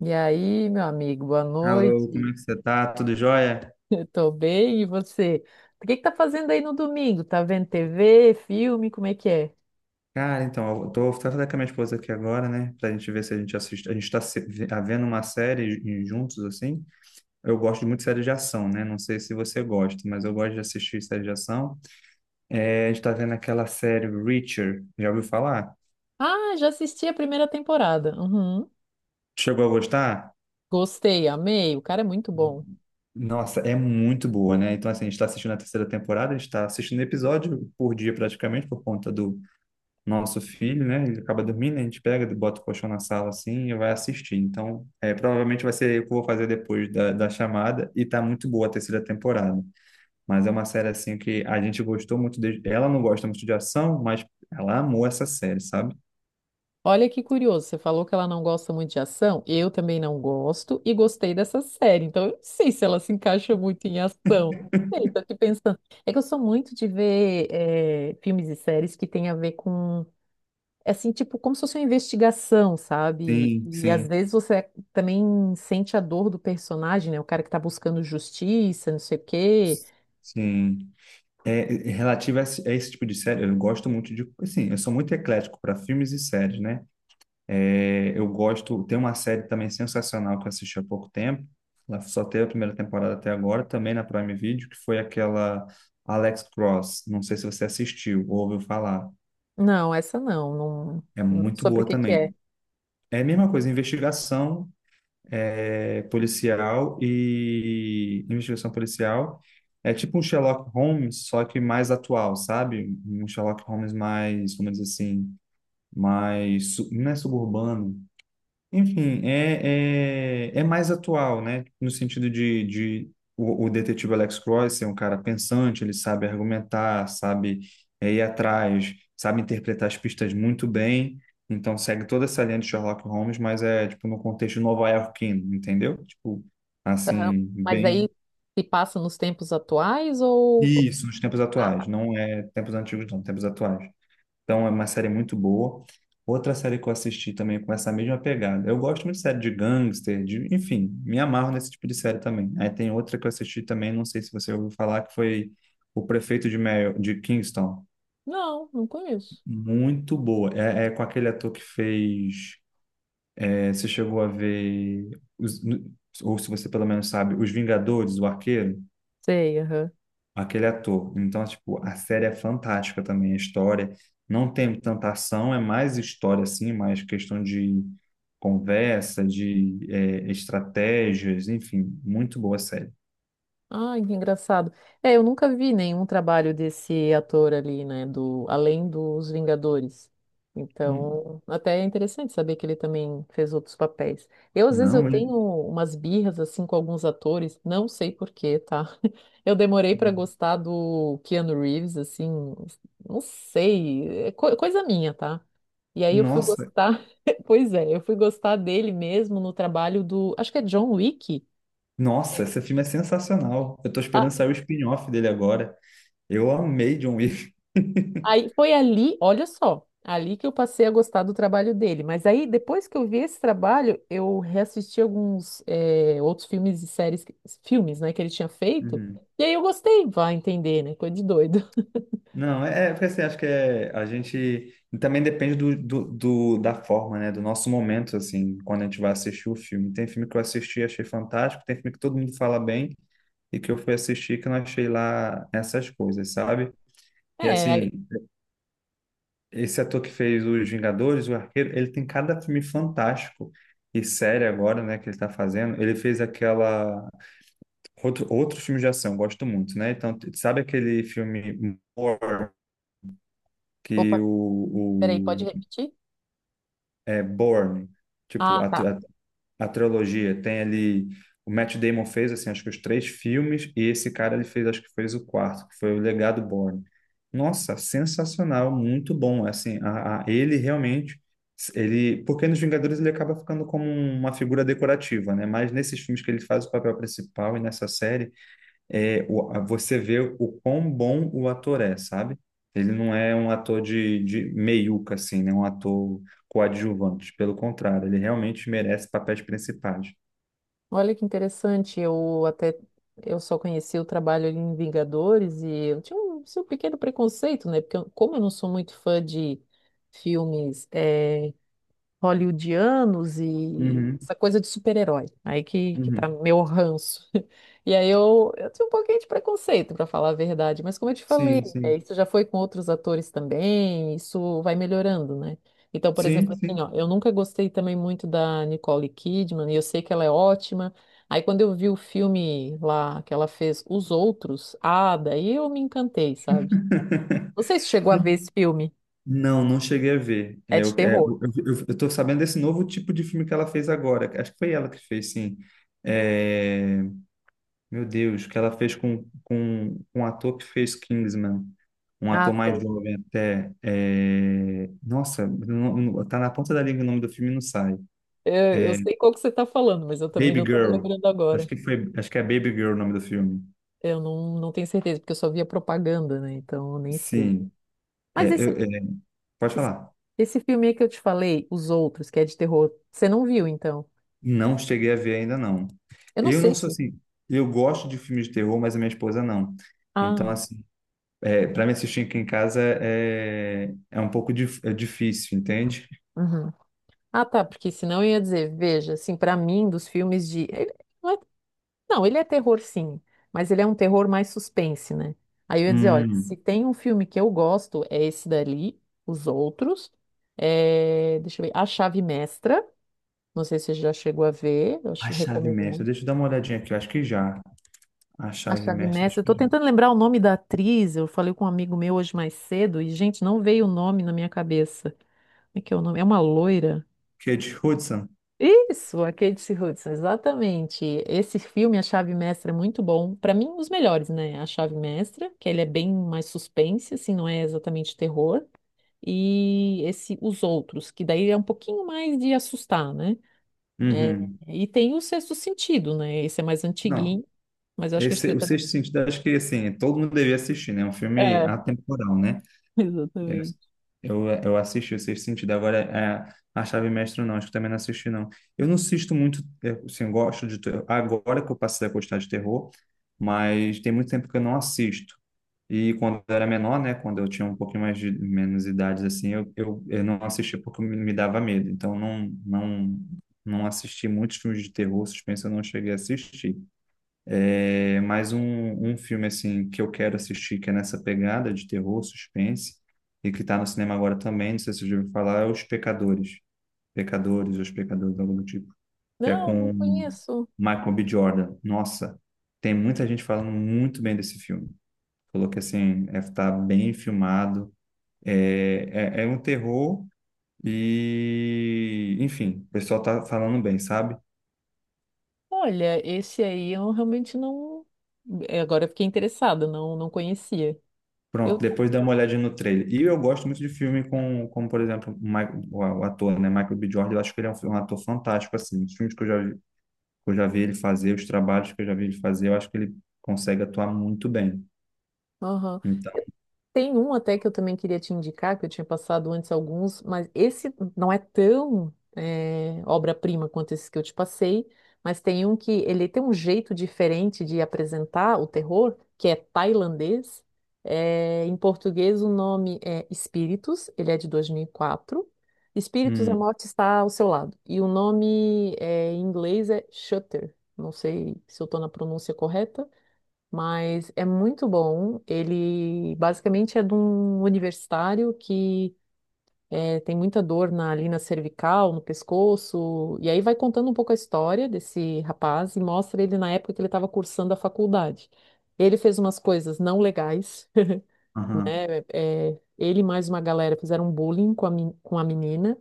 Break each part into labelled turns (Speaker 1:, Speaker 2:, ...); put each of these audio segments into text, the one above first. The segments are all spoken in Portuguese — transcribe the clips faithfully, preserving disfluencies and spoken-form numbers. Speaker 1: E aí, meu amigo, boa
Speaker 2: Alô, como
Speaker 1: noite.
Speaker 2: é que você tá? Tudo jóia?
Speaker 1: Eu tô bem, e você? O que que tá fazendo aí no domingo? Tá vendo T V, filme, como é que é?
Speaker 2: Cara, então, eu tô tratando com a minha esposa aqui agora, né? Pra gente ver se a gente assiste. A gente tá se- ve- vendo uma série ju- juntos, assim. Eu gosto muito de série de ação, né? Não sei se você gosta, mas eu gosto de assistir série de ação. É, a gente tá vendo aquela série Reacher. Já ouviu falar?
Speaker 1: Ah, já assisti a primeira temporada. Uhum.
Speaker 2: Chegou a gostar?
Speaker 1: Gostei, amei. O cara é muito bom.
Speaker 2: Nossa, é muito boa, né? Então, assim, a gente tá assistindo a terceira temporada, a gente tá assistindo episódio por dia praticamente, por conta do nosso filho, né? Ele acaba dormindo, a gente pega, bota o colchão na sala assim e vai assistir. Então, é, provavelmente vai ser o que eu vou fazer depois da, da chamada. E tá muito boa a terceira temporada. Mas é uma série assim que a gente gostou muito. De... Ela não gosta muito de ação, mas ela amou essa série, sabe?
Speaker 1: Olha que curioso, você falou que ela não gosta muito de ação. Eu também não gosto e gostei dessa série. Então, eu não sei se ela se encaixa muito em ação. Não sei, tô aqui pensando. É que eu sou muito de ver eh, filmes e séries que tem a ver com. É assim, tipo, como se fosse uma investigação, sabe?
Speaker 2: Sim,
Speaker 1: E às
Speaker 2: sim.
Speaker 1: vezes você também sente a dor do personagem, né? O cara que tá buscando justiça, não sei o quê.
Speaker 2: Sim. É, é, relativo a esse, a esse tipo de série, eu gosto muito de. Assim, eu sou muito eclético para filmes e séries, né? É, eu gosto, tem uma série também sensacional que eu assisti há pouco tempo. Ela só teve a primeira temporada até agora, também na Prime Video, que foi aquela Alex Cross. Não sei se você assistiu ou ouviu falar.
Speaker 1: Não, essa não, não,
Speaker 2: É
Speaker 1: não-
Speaker 2: muito
Speaker 1: sobre o
Speaker 2: boa
Speaker 1: que que é.
Speaker 2: também. É a mesma coisa, investigação é, policial e investigação policial. É tipo um Sherlock Holmes, só que mais atual, sabe? Um Sherlock Holmes mais, como diz assim, mais, su- não é suburbano. Enfim, é, é, é mais atual, né? No sentido de, de o, o detetive Alex Cross ser um cara pensante, ele sabe argumentar, sabe é, ir atrás, sabe interpretar as pistas muito bem. Então segue toda essa linha de Sherlock Holmes, mas é tipo no contexto nova-iorquino, entendeu? Tipo,
Speaker 1: Aham.
Speaker 2: assim,
Speaker 1: Mas aí
Speaker 2: bem.
Speaker 1: se passa nos tempos atuais ou...
Speaker 2: Isso, nos tempos
Speaker 1: Ah,
Speaker 2: atuais, não é tempos antigos, não, tempos atuais. Então é uma série muito boa. Outra série que eu assisti também com essa mesma pegada. Eu gosto muito de série de gangster, de, enfim, me amarro nesse tipo de série também. Aí tem outra que eu assisti também, não sei se você ouviu falar, que foi O Prefeito de, Mary, de Kingston.
Speaker 1: não, não conheço.
Speaker 2: Muito boa. É, é com aquele ator que fez. É, você chegou a ver, os- ou se você pelo menos sabe, Os Vingadores, o Arqueiro?
Speaker 1: Sei, aham.
Speaker 2: Aquele ator. Então, tipo, a série é fantástica também, a história. Não tem tanta ação, é mais história, assim, mais questão de conversa, de eh, estratégias, enfim, muito boa a série.
Speaker 1: Ai, que engraçado. É, eu nunca vi nenhum trabalho desse ator ali, né, do além dos Vingadores.
Speaker 2: Hum.
Speaker 1: Então, até é interessante saber que ele também fez outros papéis. Eu, às vezes, eu
Speaker 2: Não,
Speaker 1: tenho
Speaker 2: ele...
Speaker 1: umas birras, assim, com alguns atores, não sei por quê, tá? Eu demorei para gostar do Keanu Reeves, assim, não sei, é co- coisa minha, tá? E aí eu fui
Speaker 2: Nossa,
Speaker 1: gostar, pois é, eu fui gostar dele mesmo no trabalho do, acho que é John Wick.
Speaker 2: nossa,
Speaker 1: Ele.
Speaker 2: esse filme é sensacional. Eu tô esperando sair o spin-off dele agora. Eu amei John Wick.
Speaker 1: Aí foi ali, olha só, ali que eu passei a gostar do trabalho dele. Mas aí, depois que eu vi esse trabalho, eu reassisti alguns eh, outros filmes e séries, que- filmes, né, que ele tinha feito.
Speaker 2: Uhum.
Speaker 1: E aí eu gostei, vai entender, né? Coisa de doido.
Speaker 2: Não, é, é porque assim, acho que é, a gente também depende do, do, do- da forma, né? Do nosso momento, assim, quando a gente vai assistir o filme. Tem filme que eu assisti e achei fantástico, tem filme que todo mundo fala bem e que eu fui assistir que eu não achei lá essas coisas, sabe? E
Speaker 1: É, aí,
Speaker 2: assim, esse ator que fez Os Vingadores, o Arqueiro, ele tem cada filme fantástico e série agora, né, que ele tá fazendo. Ele fez aquela. Outro, outro filme de ação, gosto muito, né? Então, sabe aquele filme More? Que
Speaker 1: opa, peraí, pode
Speaker 2: o,
Speaker 1: repetir?
Speaker 2: é, Bourne, tipo,
Speaker 1: Ah,
Speaker 2: a, tri-
Speaker 1: tá.
Speaker 2: a, a trilogia. Tem ali, o Matt Damon fez, assim, acho que os três filmes, e esse cara, ele fez, acho que fez o quarto, que foi o Legado Bourne. Nossa, sensacional, muito bom, assim, a, a- ele realmente, ele, porque nos Vingadores ele acaba ficando como uma figura decorativa, né? Mas nesses filmes que ele faz o papel principal e nessa série, é, o- a- você vê o quão bom o ator é, sabe? Ele não é um ator de, de meiuca, assim, né? Um ator coadjuvante. Pelo contrário, ele realmente merece papéis principais.
Speaker 1: Olha que interessante. Eu até eu só conheci o trabalho ali em Vingadores e eu tinha um, assim, um pequeno preconceito, né? Porque eu- como eu não sou muito fã de filmes eh, hollywoodianos e
Speaker 2: Uhum,
Speaker 1: essa coisa de super-herói. Aí que, que tá
Speaker 2: uhum.
Speaker 1: meu ranço. E aí eu, eu tinha um pouquinho de preconceito, para falar a verdade, mas como eu te falei,
Speaker 2: Sim,
Speaker 1: né,
Speaker 2: sim.
Speaker 1: isso já foi com outros atores também, isso vai melhorando, né? Então, por
Speaker 2: Sim,
Speaker 1: exemplo, assim,
Speaker 2: sim.
Speaker 1: ó, eu nunca gostei também muito da Nicole Kidman, e eu sei que ela é ótima. Aí quando eu vi o filme lá que ela fez, Os Outros, ah, daí eu me encantei, sabe? Não sei se chegou a ver esse filme.
Speaker 2: Não, não cheguei a ver.
Speaker 1: É
Speaker 2: É, eu,
Speaker 1: de
Speaker 2: é,
Speaker 1: terror.
Speaker 2: eu, eu, eu tô sabendo desse novo tipo de filme que ela fez agora. Acho que foi ela que fez, sim. É, Meu Deus, que ela fez com, com, com um ator que fez Kingsman, um
Speaker 1: Ah,
Speaker 2: ator mais
Speaker 1: sei.
Speaker 2: jovem até. É, Nossa, não, não- tá na ponta da língua o nome do filme e não sai.
Speaker 1: É, eu sei qual que você está falando, mas eu também
Speaker 2: Baby
Speaker 1: não estou me
Speaker 2: Girl.
Speaker 1: lembrando
Speaker 2: Acho
Speaker 1: agora.
Speaker 2: que foi, acho que é Baby Girl o nome do filme.
Speaker 1: Eu não, não tenho certeza, porque eu só via propaganda, né? Então eu nem sei.
Speaker 2: Sim, é,
Speaker 1: Mas
Speaker 2: eu-
Speaker 1: esse,
Speaker 2: é, pode
Speaker 1: esse,
Speaker 2: falar.
Speaker 1: esse filme aí que eu te falei, Os Outros, que é de terror, você não viu, então?
Speaker 2: Não cheguei a ver ainda não.
Speaker 1: Eu não
Speaker 2: Eu
Speaker 1: sei
Speaker 2: não sou
Speaker 1: se.
Speaker 2: assim, eu gosto de filmes de terror, mas a minha esposa não.
Speaker 1: Ah,
Speaker 2: Então assim, é, para me assistir aqui em casa é, é um pouco dif- é difícil, entende?
Speaker 1: uhum. Ah, tá, porque senão eu ia dizer, veja, assim, pra mim, dos filmes de. Ele não, é- não, ele é terror, sim, mas ele é um terror mais suspense, né? Aí eu ia dizer, olha, se
Speaker 2: Hum.
Speaker 1: tem um filme que eu gosto, é esse dali, Os Outros. É, deixa eu ver, A Chave Mestra. Não sei se você já chegou a ver, eu
Speaker 2: A
Speaker 1: acho-
Speaker 2: chave
Speaker 1: recomendo
Speaker 2: mestra,
Speaker 1: muito.
Speaker 2: deixa eu dar uma olhadinha aqui, eu acho que já. A
Speaker 1: A
Speaker 2: chave
Speaker 1: Chave
Speaker 2: mestra,
Speaker 1: Mestre,
Speaker 2: acho
Speaker 1: eu
Speaker 2: que
Speaker 1: tô
Speaker 2: já.
Speaker 1: tentando lembrar o nome da atriz, eu falei com um amigo meu hoje mais cedo e, gente, não veio o nome na minha cabeça. Como é que é o nome? É uma loira?
Speaker 2: Que é de Hudson.
Speaker 1: Isso, a Kate Hudson, exatamente. Esse filme, A Chave Mestra, é muito bom. Para mim, um dos melhores, né? A Chave Mestra, que ele é bem mais suspense, assim, não é exatamente terror. E esse Os Outros, que daí é um pouquinho mais de assustar, né? É,
Speaker 2: Uhum.
Speaker 1: e tem o Sexto Sentido, né? Esse é mais
Speaker 2: Não,
Speaker 1: antiguinho. Mas eu acho que a
Speaker 2: esse,
Speaker 1: estrela
Speaker 2: o
Speaker 1: também.
Speaker 2: Sexto Sentido, acho que assim, todo mundo devia assistir, né? É um filme
Speaker 1: É,
Speaker 2: atemporal, né?
Speaker 1: exatamente.
Speaker 2: Eu, eu eu assisti o Sexto Sentido, agora é, a chave mestra não, acho que também não assisti, não. Eu não assisto muito, eu, assim, eu gosto de. ter- Agora que eu passei a gostar de terror, mas tem muito tempo que eu não assisto. E quando eu era menor, né, quando eu tinha um pouquinho mais de menos idades assim, eu, eu, eu não assistia porque me me dava medo. Então não não não assisti muitos filmes de terror, suspense, eu não cheguei a assistir. É, mas um, um filme assim que eu quero assistir que é nessa pegada de terror, suspense e que está no cinema agora também, não sei se você já ouviu falar, é Os Pecadores. Pecadores, Os Pecadores, algo do tipo. Que é
Speaker 1: Não, não
Speaker 2: com
Speaker 1: conheço.
Speaker 2: Michael B. Jordan. Nossa, tem muita gente falando muito bem desse filme. Falou que assim, é, tá bem filmado. É, é, é um terror e, enfim, o pessoal tá falando bem, sabe?
Speaker 1: Olha, esse aí eu realmente não. É, agora eu fiquei interessada, não, não conhecia.
Speaker 2: Pronto,
Speaker 1: Eu.
Speaker 2: depois dá uma olhadinha no trailer. E eu gosto muito de filme com, como por exemplo, o Mi- o o ator, né, Michael B. Jordan, eu acho que ele é um, fi- um ator fantástico, assim, os filmes que eu já, vi- que eu já vi ele fazer, os trabalhos que eu já vi ele fazer, eu acho que ele consegue atuar muito bem.
Speaker 1: Aham.
Speaker 2: Então,
Speaker 1: Tem um até que eu também queria te indicar, que eu tinha passado antes alguns, mas esse não é tão eh, obra-prima quanto esse que eu te passei, mas tem um que ele tem um jeito diferente de apresentar o terror, que é tailandês. Eh, em português o nome é Espíritos, ele é de dois mil e quatro. Espíritos, a
Speaker 2: hum,
Speaker 1: morte está ao seu lado. E o nome eh, em inglês é Shutter. Não sei se eu estou na pronúncia correta, mas é muito bom. Ele basicamente é de um universitário que eh, tem muita dor na, ali na cervical, no pescoço, e aí vai contando um pouco a história desse rapaz e mostra ele na época que ele estava cursando a faculdade. Ele fez umas coisas não legais,
Speaker 2: aham.
Speaker 1: eh, ele e mais uma galera fizeram bullying com a, men- com a menina.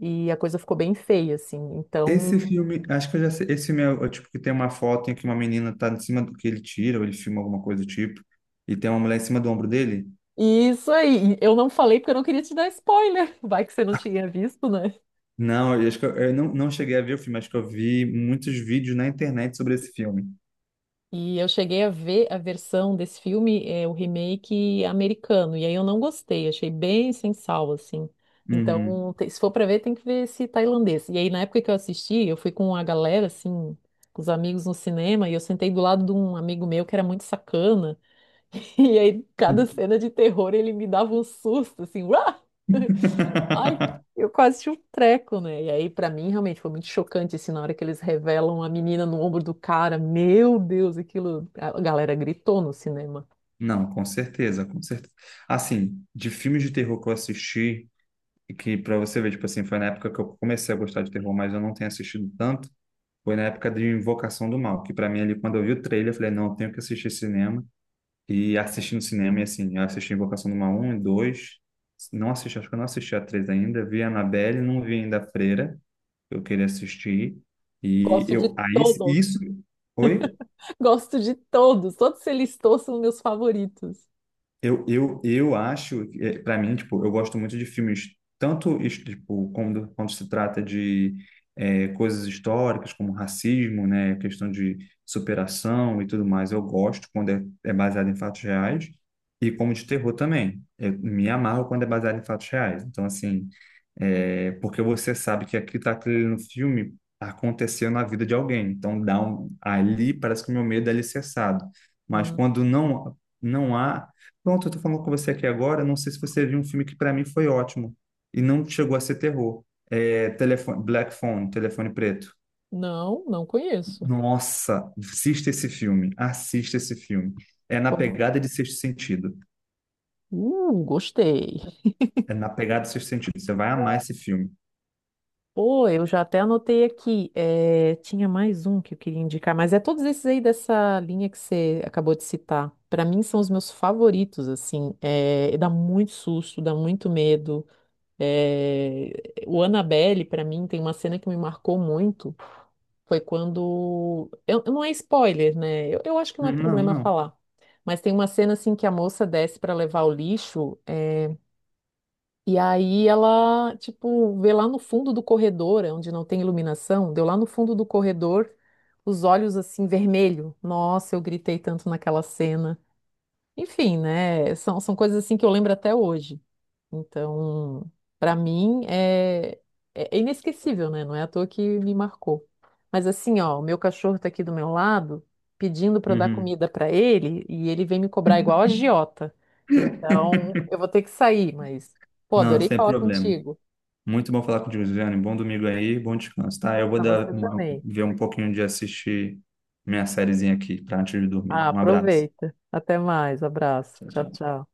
Speaker 1: E a coisa ficou bem feia, assim.
Speaker 2: Esse
Speaker 1: Então,
Speaker 2: filme, acho que eu já sei. Esse filme é, o é tipo que tem uma foto em que uma menina tá em cima do que ele tira, ou ele filma alguma coisa do tipo, e tem uma mulher em cima do ombro dele.
Speaker 1: isso aí. Eu não falei porque eu não queria te dar spoiler. Vai que você não tinha visto, né?
Speaker 2: Não, eu acho que eu, eu não, não cheguei a ver o filme, acho que eu vi muitos vídeos na internet sobre esse filme.
Speaker 1: E eu cheguei a ver a versão desse filme, é, o remake americano, e aí eu não gostei, achei bem sem sal, assim.
Speaker 2: Uhum.
Speaker 1: Então, te- se for pra ver, tem que ver esse tailandês. E aí, na época que eu assisti, eu fui com a galera, assim, com os amigos no cinema, e eu sentei do lado de um amigo meu que era muito sacana, e aí, cada cena de terror, ele me dava um susto, assim, uá! Ai, eu quase tinha um treco, né? E aí, pra mim, realmente foi muito chocante, assim, na hora que eles revelam a menina no ombro do cara. Meu Deus, aquilo. A galera gritou no cinema.
Speaker 2: Não, com certeza, com certeza. Assim, de filmes de terror que eu assisti, e que pra você ver, tipo assim, foi na época que eu comecei a gostar de terror, mas eu não tenho assistido tanto, foi na época de Invocação do Mal, que pra mim ali, quando eu vi o trailer, eu falei, não, eu tenho que assistir cinema. E assisti no cinema, e assim, eu assisti Invocação do Mal um e dois. Não assisti, acho que eu não assisti a três ainda. Vi a Annabelle, não vi ainda a Freira. Eu queria assistir. E
Speaker 1: Gosto de
Speaker 2: eu, aí,
Speaker 1: todos,
Speaker 2: isso. Oi?
Speaker 1: gosto de todos. Todos que você listou são meus favoritos.
Speaker 2: Eu, eu, eu acho, para mim, tipo, eu gosto muito de filmes, tanto his- tipo, quando, quando se trata de eh, coisas históricas, como racismo, né, questão de superação e tudo mais, eu gosto quando é, é baseado em fatos reais, e como de terror também. Eu me amarro quando é baseado em fatos reais. Então, assim, é, porque você sabe que aqui está aquilo no filme aconteceu na vida de alguém. Então dá um, ali parece que o meu medo é alicerçado. Mas
Speaker 1: Hum,
Speaker 2: quando não não há, pronto, eu tô falando com você aqui agora, não sei se você viu um filme que para mim foi ótimo e não chegou a ser terror. É, telefone, Black Phone, Telefone Preto.
Speaker 1: não, não conheço.
Speaker 2: Nossa, assista esse filme, assista esse filme. É na
Speaker 1: Vamos.
Speaker 2: pegada de Sexto Sentido.
Speaker 1: Uh, gostei.
Speaker 2: É na pegada de Sexto Sentido. Você vai amar esse filme.
Speaker 1: Pô, eu já até anotei aqui. É, tinha mais um que eu queria indicar, mas é todos esses aí dessa linha que você acabou de citar. Pra mim são os meus favoritos, assim. É, dá muito susto, dá muito medo. É, o Annabelle, pra mim, tem uma cena que me marcou muito. Foi quando. Eu, não é spoiler, né? Eu, eu acho que não é
Speaker 2: Não,
Speaker 1: problema
Speaker 2: não.
Speaker 1: falar. Mas tem uma cena assim que a moça desce para levar o lixo. eh, e aí ela, tipo, vê lá no fundo do corredor, é onde não tem iluminação, deu lá no fundo do corredor, os olhos assim, vermelho. Nossa, eu gritei tanto naquela cena. Enfim, né? São, são coisas assim que eu lembro até hoje. Então, para mim é, é é inesquecível, né? Não é à toa que me marcou. Mas assim, ó, o meu cachorro tá aqui do meu lado, pedindo para eu dar
Speaker 2: Uhum.
Speaker 1: comida para ele, e ele vem me cobrar igual a agiota. Então, eu vou ter que sair, mas pô,
Speaker 2: Não,
Speaker 1: adorei
Speaker 2: sem
Speaker 1: falar
Speaker 2: problema.
Speaker 1: contigo.
Speaker 2: Muito bom falar contigo, Juliane. Bom domingo aí, bom descanso, tá? Eu vou
Speaker 1: Pra
Speaker 2: dar
Speaker 1: você
Speaker 2: uma-
Speaker 1: também.
Speaker 2: ver um pouquinho de assistir minha sériezinha aqui para antes de dormir.
Speaker 1: Ah,
Speaker 2: Um abraço.
Speaker 1: aproveita. Até mais. Abraço.
Speaker 2: Tchau,
Speaker 1: Tchau,
Speaker 2: tchau.
Speaker 1: tchau.